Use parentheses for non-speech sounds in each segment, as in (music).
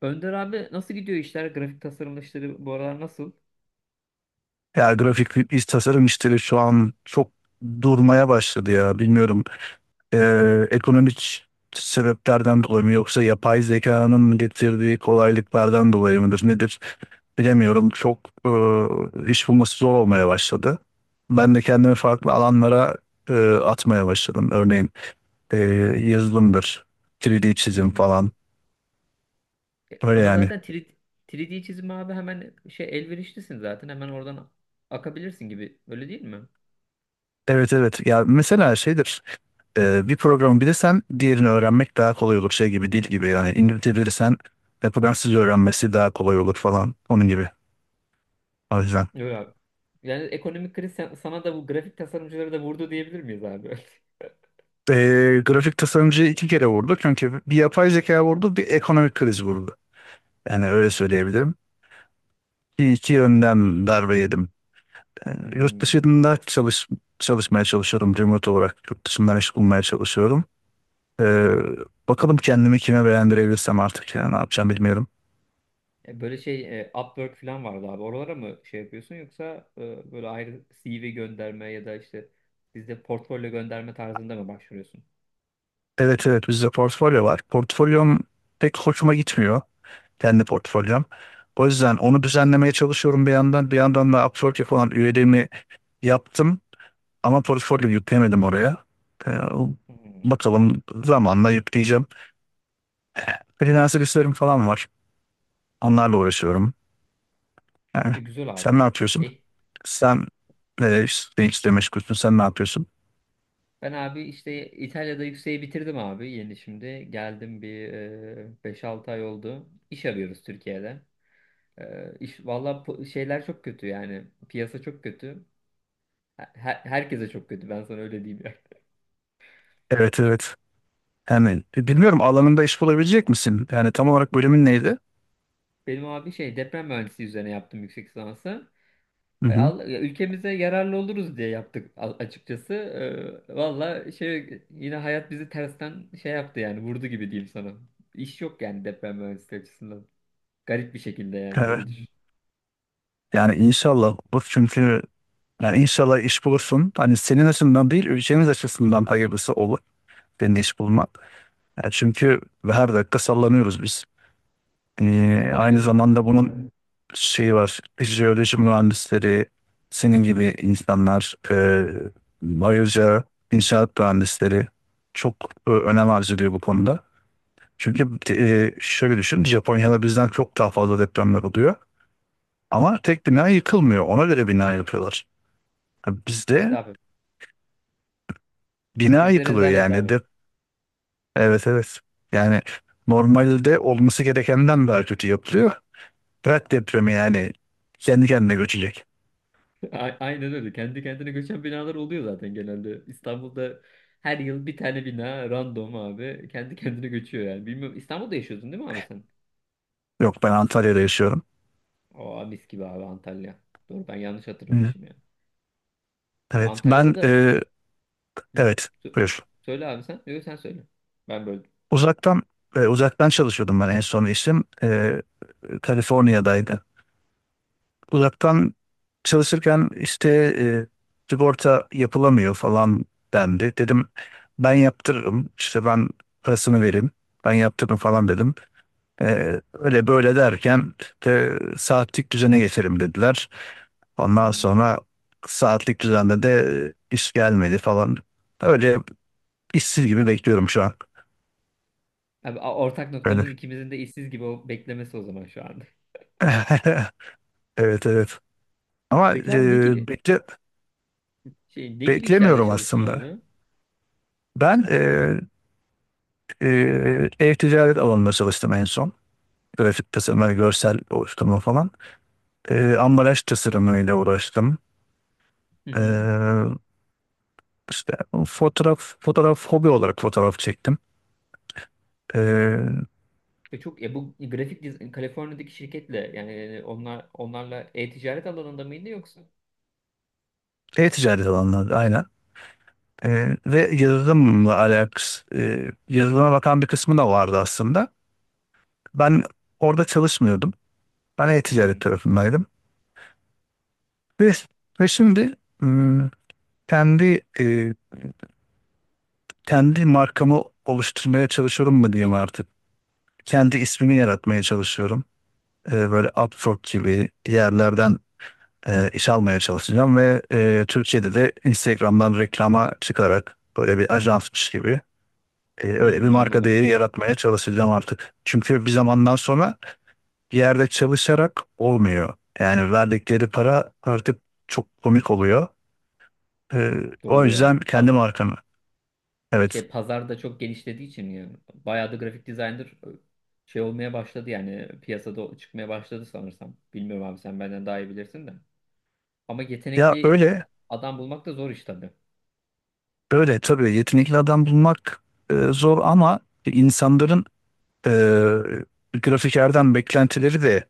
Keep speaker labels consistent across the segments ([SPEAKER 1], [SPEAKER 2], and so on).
[SPEAKER 1] Önder abi nasıl gidiyor işler? Grafik tasarım işleri bu aralar nasıl?
[SPEAKER 2] Ya grafik iç tasarım işleri şu an çok durmaya başladı ya bilmiyorum. Ekonomik sebeplerden dolayı mı yoksa yapay zekanın getirdiği kolaylıklardan dolayı mıdır nedir bilemiyorum. Çok iş bulması zor olmaya başladı. Ben de kendimi farklı alanlara atmaya başladım. Örneğin e, yazılımdır, 3D çizim
[SPEAKER 1] Hmm.
[SPEAKER 2] falan
[SPEAKER 1] E,
[SPEAKER 2] öyle
[SPEAKER 1] ama
[SPEAKER 2] yani.
[SPEAKER 1] zaten 3D çizim abi hemen şey elverişlisin zaten. Hemen oradan akabilirsin gibi. Öyle değil mi?
[SPEAKER 2] Evet evet, ya mesela şeydir. Bir programı bilirsen diğerini öğrenmek daha kolay olur. Şey gibi, dil gibi yani, İngilizce bilirsen Fransızca öğrenmesi daha kolay olur falan, onun gibi. O yüzden.
[SPEAKER 1] Öyle abi. Yani ekonomik kriz sana da bu grafik tasarımcıları da vurdu diyebilir miyiz abi? (laughs)
[SPEAKER 2] Grafik tasarımcı iki kere vurdu. Çünkü bir yapay zeka vurdu, bir ekonomik kriz vurdu. Yani öyle söyleyebilirim. İki, iki yönden darbe yedim. Ee, yurt
[SPEAKER 1] Hmm.
[SPEAKER 2] dışında çalış, Çalışmaya çalışıyorum. Remote olarak yurt dışından iş bulmaya çalışıyorum. Ee, Bakalım kendimi kime beğendirebilirsem artık, yani ne yapacağım bilmiyorum.
[SPEAKER 1] E, böyle şey Upwork falan vardı abi. Oralara mı şey yapıyorsun yoksa böyle ayrı CV gönderme ya da işte bizde portfolyo gönderme tarzında mı başvuruyorsun?
[SPEAKER 2] Evet evet, bizde portfolyo var. Portfolyom pek hoşuma gitmiyor. Kendi portfolyom. O yüzden onu düzenlemeye çalışıyorum bir yandan. Bir yandan da Upwork'e falan üyeliğimi yaptım. Ama portfolyo yüklemedim oraya. Ee,
[SPEAKER 1] Hmm.
[SPEAKER 2] Bakalım, zamanla yükleyeceğim. Freelancer işlerim falan var. Onlarla uğraşıyorum. Yani
[SPEAKER 1] E, güzel
[SPEAKER 2] sen ne
[SPEAKER 1] abi.
[SPEAKER 2] yapıyorsun?
[SPEAKER 1] E,
[SPEAKER 2] Sen işte meşgulsün. Sen ne yapıyorsun?
[SPEAKER 1] ben abi işte İtalya'da yükseği bitirdim abi yeni şimdi. Geldim bir 5-6 ay oldu. İş arıyoruz Türkiye'de. E, valla şeyler çok kötü yani. Piyasa çok kötü. Herkese çok kötü ben sana öyle diyeyim ya.
[SPEAKER 2] Evet evet. Yani bilmiyorum, alanında iş bulabilecek misin? Yani tam olarak bölümün neydi?
[SPEAKER 1] (laughs) Benim abi şey deprem mühendisliği üzerine yaptım yüksek lisansı. E,
[SPEAKER 2] Hı
[SPEAKER 1] ya ülkemize yararlı oluruz diye yaptık açıkçası. E, valla şey yine hayat bizi tersten şey yaptı yani vurdu gibi diyeyim sana. İş yok yani deprem mühendisliği açısından. Garip bir şekilde yani
[SPEAKER 2] hı.
[SPEAKER 1] öyle düşün.
[SPEAKER 2] Yani inşallah bu, çünkü yani inşallah iş bulursun. Hani senin açısından değil, ülkemiz açısından hayırlısı olur senin iş bulmak. Yani çünkü her dakika sallanıyoruz biz. Aynı
[SPEAKER 1] Aynen öyle.
[SPEAKER 2] zamanda bunun şeyi var. Jeoloji mühendisleri, senin gibi insanlar, ayrıca inşaat mühendisleri çok önem arz ediyor bu konuda. Çünkü şöyle düşün, Japonya'da bizden çok daha fazla depremler oluyor. Ama tek bina yıkılmıyor. Ona göre bina yapıyorlar.
[SPEAKER 1] İşte
[SPEAKER 2] Bizde
[SPEAKER 1] abi.
[SPEAKER 2] bina
[SPEAKER 1] Bizde
[SPEAKER 2] yıkılıyor
[SPEAKER 1] rezalet
[SPEAKER 2] yani.
[SPEAKER 1] abi.
[SPEAKER 2] De, evet evet. Yani normalde olması gerekenden daha kötü yapılıyor. Prag depremi yani kendi kendine göçecek.
[SPEAKER 1] (laughs) Aynen öyle. Kendi kendine göçen binalar oluyor zaten genelde. İstanbul'da her yıl bir tane bina random abi. Kendi (laughs) kendine göçüyor yani. Bilmiyorum. İstanbul'da yaşıyordun değil mi abi sen?
[SPEAKER 2] Yok, ben Antalya'da yaşıyorum.
[SPEAKER 1] Aa, mis gibi abi Antalya. Doğru ben yanlış
[SPEAKER 2] Hı.
[SPEAKER 1] hatırlamışım ya.
[SPEAKER 2] Evet,
[SPEAKER 1] Antalya'da
[SPEAKER 2] ben
[SPEAKER 1] da... Hı.
[SPEAKER 2] evet,
[SPEAKER 1] Sö-
[SPEAKER 2] buyur.
[SPEAKER 1] Söyle abi sen. Yok sen söyle. Ben böldüm.
[SPEAKER 2] Uzaktan Uzaktan çalışıyordum ben en son işim. E, Kaliforniya'daydı. Uzaktan çalışırken işte e, sigorta yapılamıyor falan dendi. Dedim ben yaptırırım işte, ben parasını vereyim, ben yaptırırım falan dedim. E, öyle böyle derken de saatlik düzene geçelim dediler. Ondan
[SPEAKER 1] Hmm.
[SPEAKER 2] sonra saatlik düzende de iş gelmedi falan. Öyle işsiz gibi bekliyorum şu an.
[SPEAKER 1] Abi ortak
[SPEAKER 2] Öyle.
[SPEAKER 1] noktamız ikimizin de işsiz gibi o beklemesi o zaman şu anda.
[SPEAKER 2] (laughs) Evet evet.
[SPEAKER 1] (laughs)
[SPEAKER 2] Ama
[SPEAKER 1] Peki abi ne gibi işlerde
[SPEAKER 2] beklemiyorum
[SPEAKER 1] çalıştın
[SPEAKER 2] aslında.
[SPEAKER 1] abi?
[SPEAKER 2] Ben e, Ev ticaret alanında çalıştım en son. Grafik tasarımı, görsel oluşturma falan. Ambalaj tasarımıyla uğraştım.
[SPEAKER 1] Hı hı.
[SPEAKER 2] Ee, işte fotoğraf, hobi olarak fotoğraf çektim. Ee,
[SPEAKER 1] Ve çok ya Kaliforniya'daki şirketle yani onlar onlarla e-ticaret alanında mıydı yoksa?
[SPEAKER 2] E-ticaret alanında aynen. Ve yazılımla alakası, e, Yazılıma bakan bir kısmı da vardı aslında. Ben orada çalışmıyordum. Ben
[SPEAKER 1] Hmm.
[SPEAKER 2] e-ticaret tarafındaydım. Ve, Ve şimdi ım, kendi e, kendi markamı oluşturmaya çalışıyorum mu diyeyim artık. Kendi ismimi yaratmaya çalışıyorum. Böyle Upwork gibi yerlerden iş almaya çalışacağım ve Türkiye'de de Instagram'dan reklama çıkarak böyle bir ajansmış gibi, öyle bir
[SPEAKER 1] Hmm,
[SPEAKER 2] marka
[SPEAKER 1] anladım.
[SPEAKER 2] değeri yaratmaya çalışacağım artık. Çünkü bir zamandan sonra bir yerde çalışarak olmuyor. Yani verdikleri para artık çok komik oluyor. Ee, O
[SPEAKER 1] Doğru ya.
[SPEAKER 2] yüzden kendi markamı. Evet.
[SPEAKER 1] Pazarda çok genişlediği için ya. Bayağı da grafik designer şey olmaya başladı yani piyasada çıkmaya başladı sanırsam. Bilmiyorum abi sen benden daha iyi bilirsin de. Ama
[SPEAKER 2] Ya
[SPEAKER 1] yetenekli
[SPEAKER 2] öyle
[SPEAKER 1] adam bulmak da zor iş tabii.
[SPEAKER 2] böyle tabii, yetenekli adam bulmak zor, ama insanların e, grafikerden beklentileri de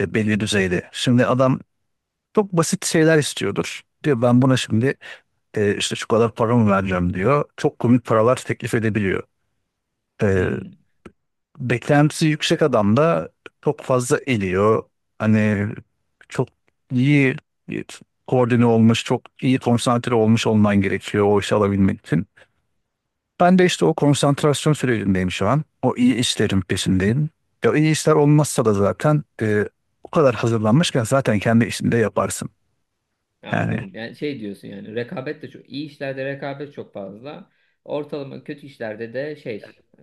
[SPEAKER 2] belli düzeyde. Şimdi adam çok basit şeyler istiyordur. Diyor ben buna şimdi işte şu kadar paramı vereceğim diyor. Çok komik paralar teklif edebiliyor. E,
[SPEAKER 1] Hmm.
[SPEAKER 2] Beklentisi yüksek adam da çok fazla eliyor. Hani çok iyi e, koordine olmuş, çok iyi konsantre olmuş olman gerekiyor o işi alabilmek için. Ben de işte o konsantrasyon sürecindeyim şu an. O iyi işlerin peşindeyim. Ya iyi işler olmazsa da zaten o kadar hazırlanmışken zaten kendi işinde yaparsın.
[SPEAKER 1] Ya
[SPEAKER 2] Yani
[SPEAKER 1] anladım. Yani şey diyorsun yani rekabet de çok iyi işlerde rekabet çok fazla. Ortalama kötü işlerde de şey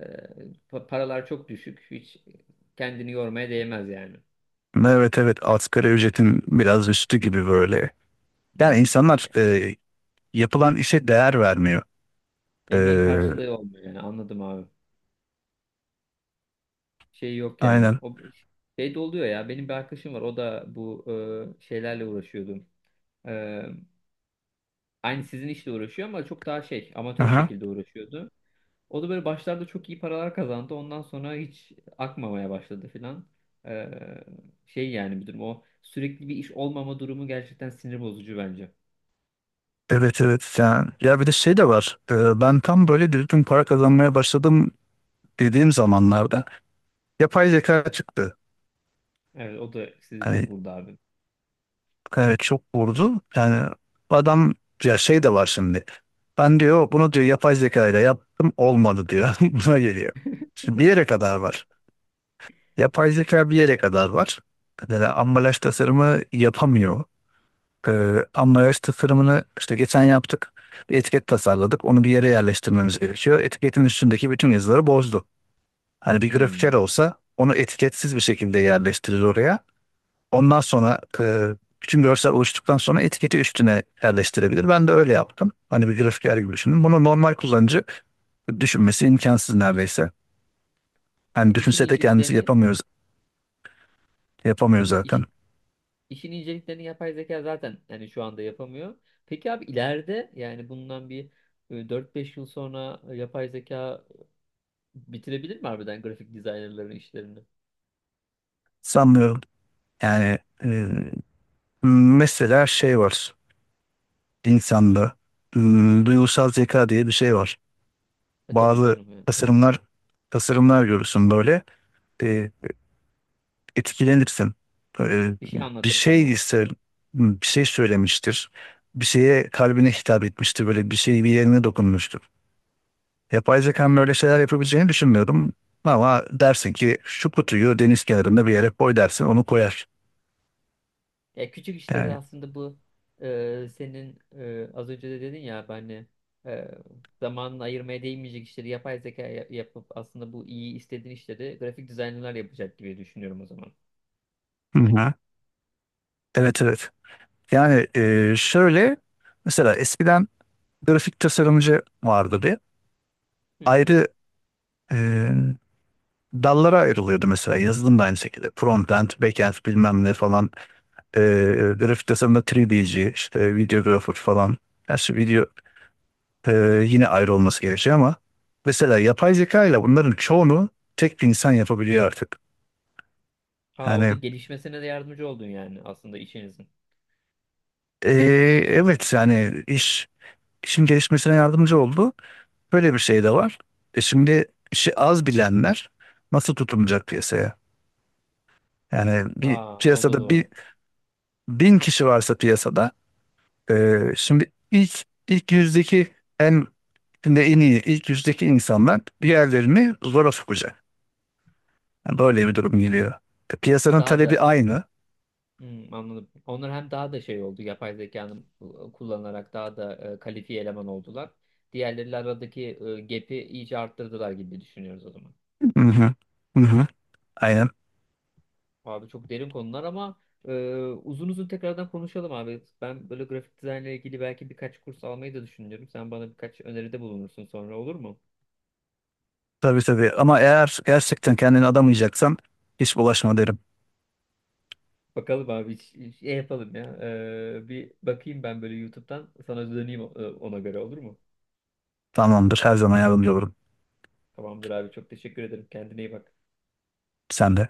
[SPEAKER 1] paralar çok düşük. Hiç kendini yormaya değmez yani.
[SPEAKER 2] evet evet, asgari ücretin biraz üstü gibi böyle. Yani
[SPEAKER 1] Hmm.
[SPEAKER 2] insanlar yapılan işe değer vermiyor. E,
[SPEAKER 1] Emeğin karşılığı olmuyor yani anladım abi. Şey yok yani.
[SPEAKER 2] aynen.
[SPEAKER 1] O şey de oluyor ya benim bir arkadaşım var o da bu şeylerle uğraşıyordu. E, aynı sizin işle uğraşıyor ama çok daha şey amatör
[SPEAKER 2] Aha.
[SPEAKER 1] şekilde uğraşıyordu. O da böyle başlarda çok iyi paralar kazandı. Ondan sonra hiç akmamaya başladı filan. Ee, Şey yani bir durum o sürekli bir iş olmama durumu gerçekten sinir bozucu bence.
[SPEAKER 2] Evet evet. Yani, ya bir de şey de var. E, ben tam böyle düzgün para kazanmaya başladım dediğim zamanlarda yapay zeka çıktı.
[SPEAKER 1] Evet o da sizi çok
[SPEAKER 2] Hani
[SPEAKER 1] vurdu abi.
[SPEAKER 2] evet, çok vurdu. Yani adam, ya şey de var şimdi. Ben diyor bunu diyor yapay zeka ile yaptım olmadı diyor. (laughs) Buna geliyor. Şimdi bir yere kadar var. Yapay zeka bir yere kadar var. Mesela ambalaj tasarımı yapamıyor. Ambalaj tasarımını işte geçen yaptık. Bir etiket tasarladık. Onu bir yere yerleştirmemiz gerekiyor. Etiketin üstündeki bütün yazıları bozdu. Hani bir grafiker
[SPEAKER 1] Hmm.
[SPEAKER 2] olsa onu etiketsiz bir şekilde yerleştirir oraya. Ondan sonra bütün görsel oluştuktan sonra etiketi üstüne yerleştirebilir. Ben de öyle yaptım. Hani bir grafiker gibi düşünün. Bunu normal kullanıcı düşünmesi imkansız neredeyse.
[SPEAKER 1] Ya
[SPEAKER 2] Yani
[SPEAKER 1] işin
[SPEAKER 2] düşünse de kendisi
[SPEAKER 1] inceliklerini
[SPEAKER 2] yapamıyoruz, yapamıyor
[SPEAKER 1] değil mi? İş,
[SPEAKER 2] zaten.
[SPEAKER 1] işin inceliklerini yapay zeka zaten yani şu anda yapamıyor. Peki abi ileride yani bundan bir 4-5 yıl sonra yapay zeka bitirebilir mi harbiden grafik dizaynerların işlerini?
[SPEAKER 2] Sanmıyorum. Yani mesela şey var. İnsanda e, duygusal zeka diye bir şey var.
[SPEAKER 1] E tabii
[SPEAKER 2] Bazı
[SPEAKER 1] canım yani.
[SPEAKER 2] tasarımlar, görürsün böyle. E, etkilenirsin. Ee,
[SPEAKER 1] Bir şey
[SPEAKER 2] Bir
[SPEAKER 1] anlatır
[SPEAKER 2] şey
[SPEAKER 1] sana.
[SPEAKER 2] ise bir şey söylemiştir. Bir şeye, kalbine hitap etmiştir. Böyle bir şey bir yerine dokunmuştur. Yapay zekanın öyle şeyler yapabileceğini düşünmüyorum. Ama dersin ki şu kutuyu deniz kenarında bir yere koy, dersin, onu koyar.
[SPEAKER 1] Ya küçük işleri
[SPEAKER 2] Yani
[SPEAKER 1] aslında bu senin az önce de dedin ya ben hani e, zamanını ayırmaya değmeyecek işleri yapay zeka yapıp aslında bu iyi istediğin işleri grafik dizaynlar yapacak gibi düşünüyorum o zaman.
[SPEAKER 2] hı hı, evet evet. Yani şöyle, mesela eskiden grafik tasarımcı vardı bir.
[SPEAKER 1] Hı hı.
[SPEAKER 2] Ayrı e, dallara ayrılıyordu, mesela yazılım da aynı şekilde. Frontend, backend bilmem ne falan. E, grafik tasarımda 3D'ci, işte videographer falan. Gerçi video e, yine ayrı olması gerekiyor ama mesela yapay zeka ile bunların çoğunu tek bir insan yapabiliyor artık.
[SPEAKER 1] Aa, o da
[SPEAKER 2] Yani
[SPEAKER 1] gelişmesine de yardımcı oldun yani aslında işinizin.
[SPEAKER 2] e, evet, yani işin gelişmesine yardımcı oldu. Böyle bir şey de var. E şimdi işi az bilenler nasıl tutunacak piyasaya? Yani bir
[SPEAKER 1] Aa, o da
[SPEAKER 2] piyasada
[SPEAKER 1] doğru.
[SPEAKER 2] bir 1000 kişi varsa piyasada, Ee, şimdi ilk ilk yüzdeki en şimdi en iyi ilk yüzdeki insanlar diğerlerini zora sokacak. Yani böyle bir durum geliyor. E, piyasanın
[SPEAKER 1] Daha
[SPEAKER 2] talebi
[SPEAKER 1] da
[SPEAKER 2] aynı.
[SPEAKER 1] hmm, anladım. Onlar hem daha da şey oldu yapay zekanın kullanarak daha da kalifiye eleman oldular. Diğerleriyle aradaki gap'i iyice arttırdılar gibi düşünüyoruz o zaman.
[SPEAKER 2] Hı hı. Hı hı. Aynen.
[SPEAKER 1] Abi çok derin konular ama e, uzun uzun tekrardan konuşalım abi. Ben böyle grafik dizaynla ilgili belki birkaç kurs almayı da düşünüyorum. Sen bana birkaç öneride bulunursun sonra olur mu?
[SPEAKER 2] Tabii tabii. Ama eğer gerçekten kendini adamayacaksan hiç bulaşma derim.
[SPEAKER 1] Bakalım abi şey yapalım ya. E, bir bakayım ben böyle YouTube'dan sana döneyim ona göre olur mu?
[SPEAKER 2] Tamamdır. Her zaman yardımcı olurum.
[SPEAKER 1] Tamamdır abi çok teşekkür ederim. Kendine iyi bak.
[SPEAKER 2] Sen de.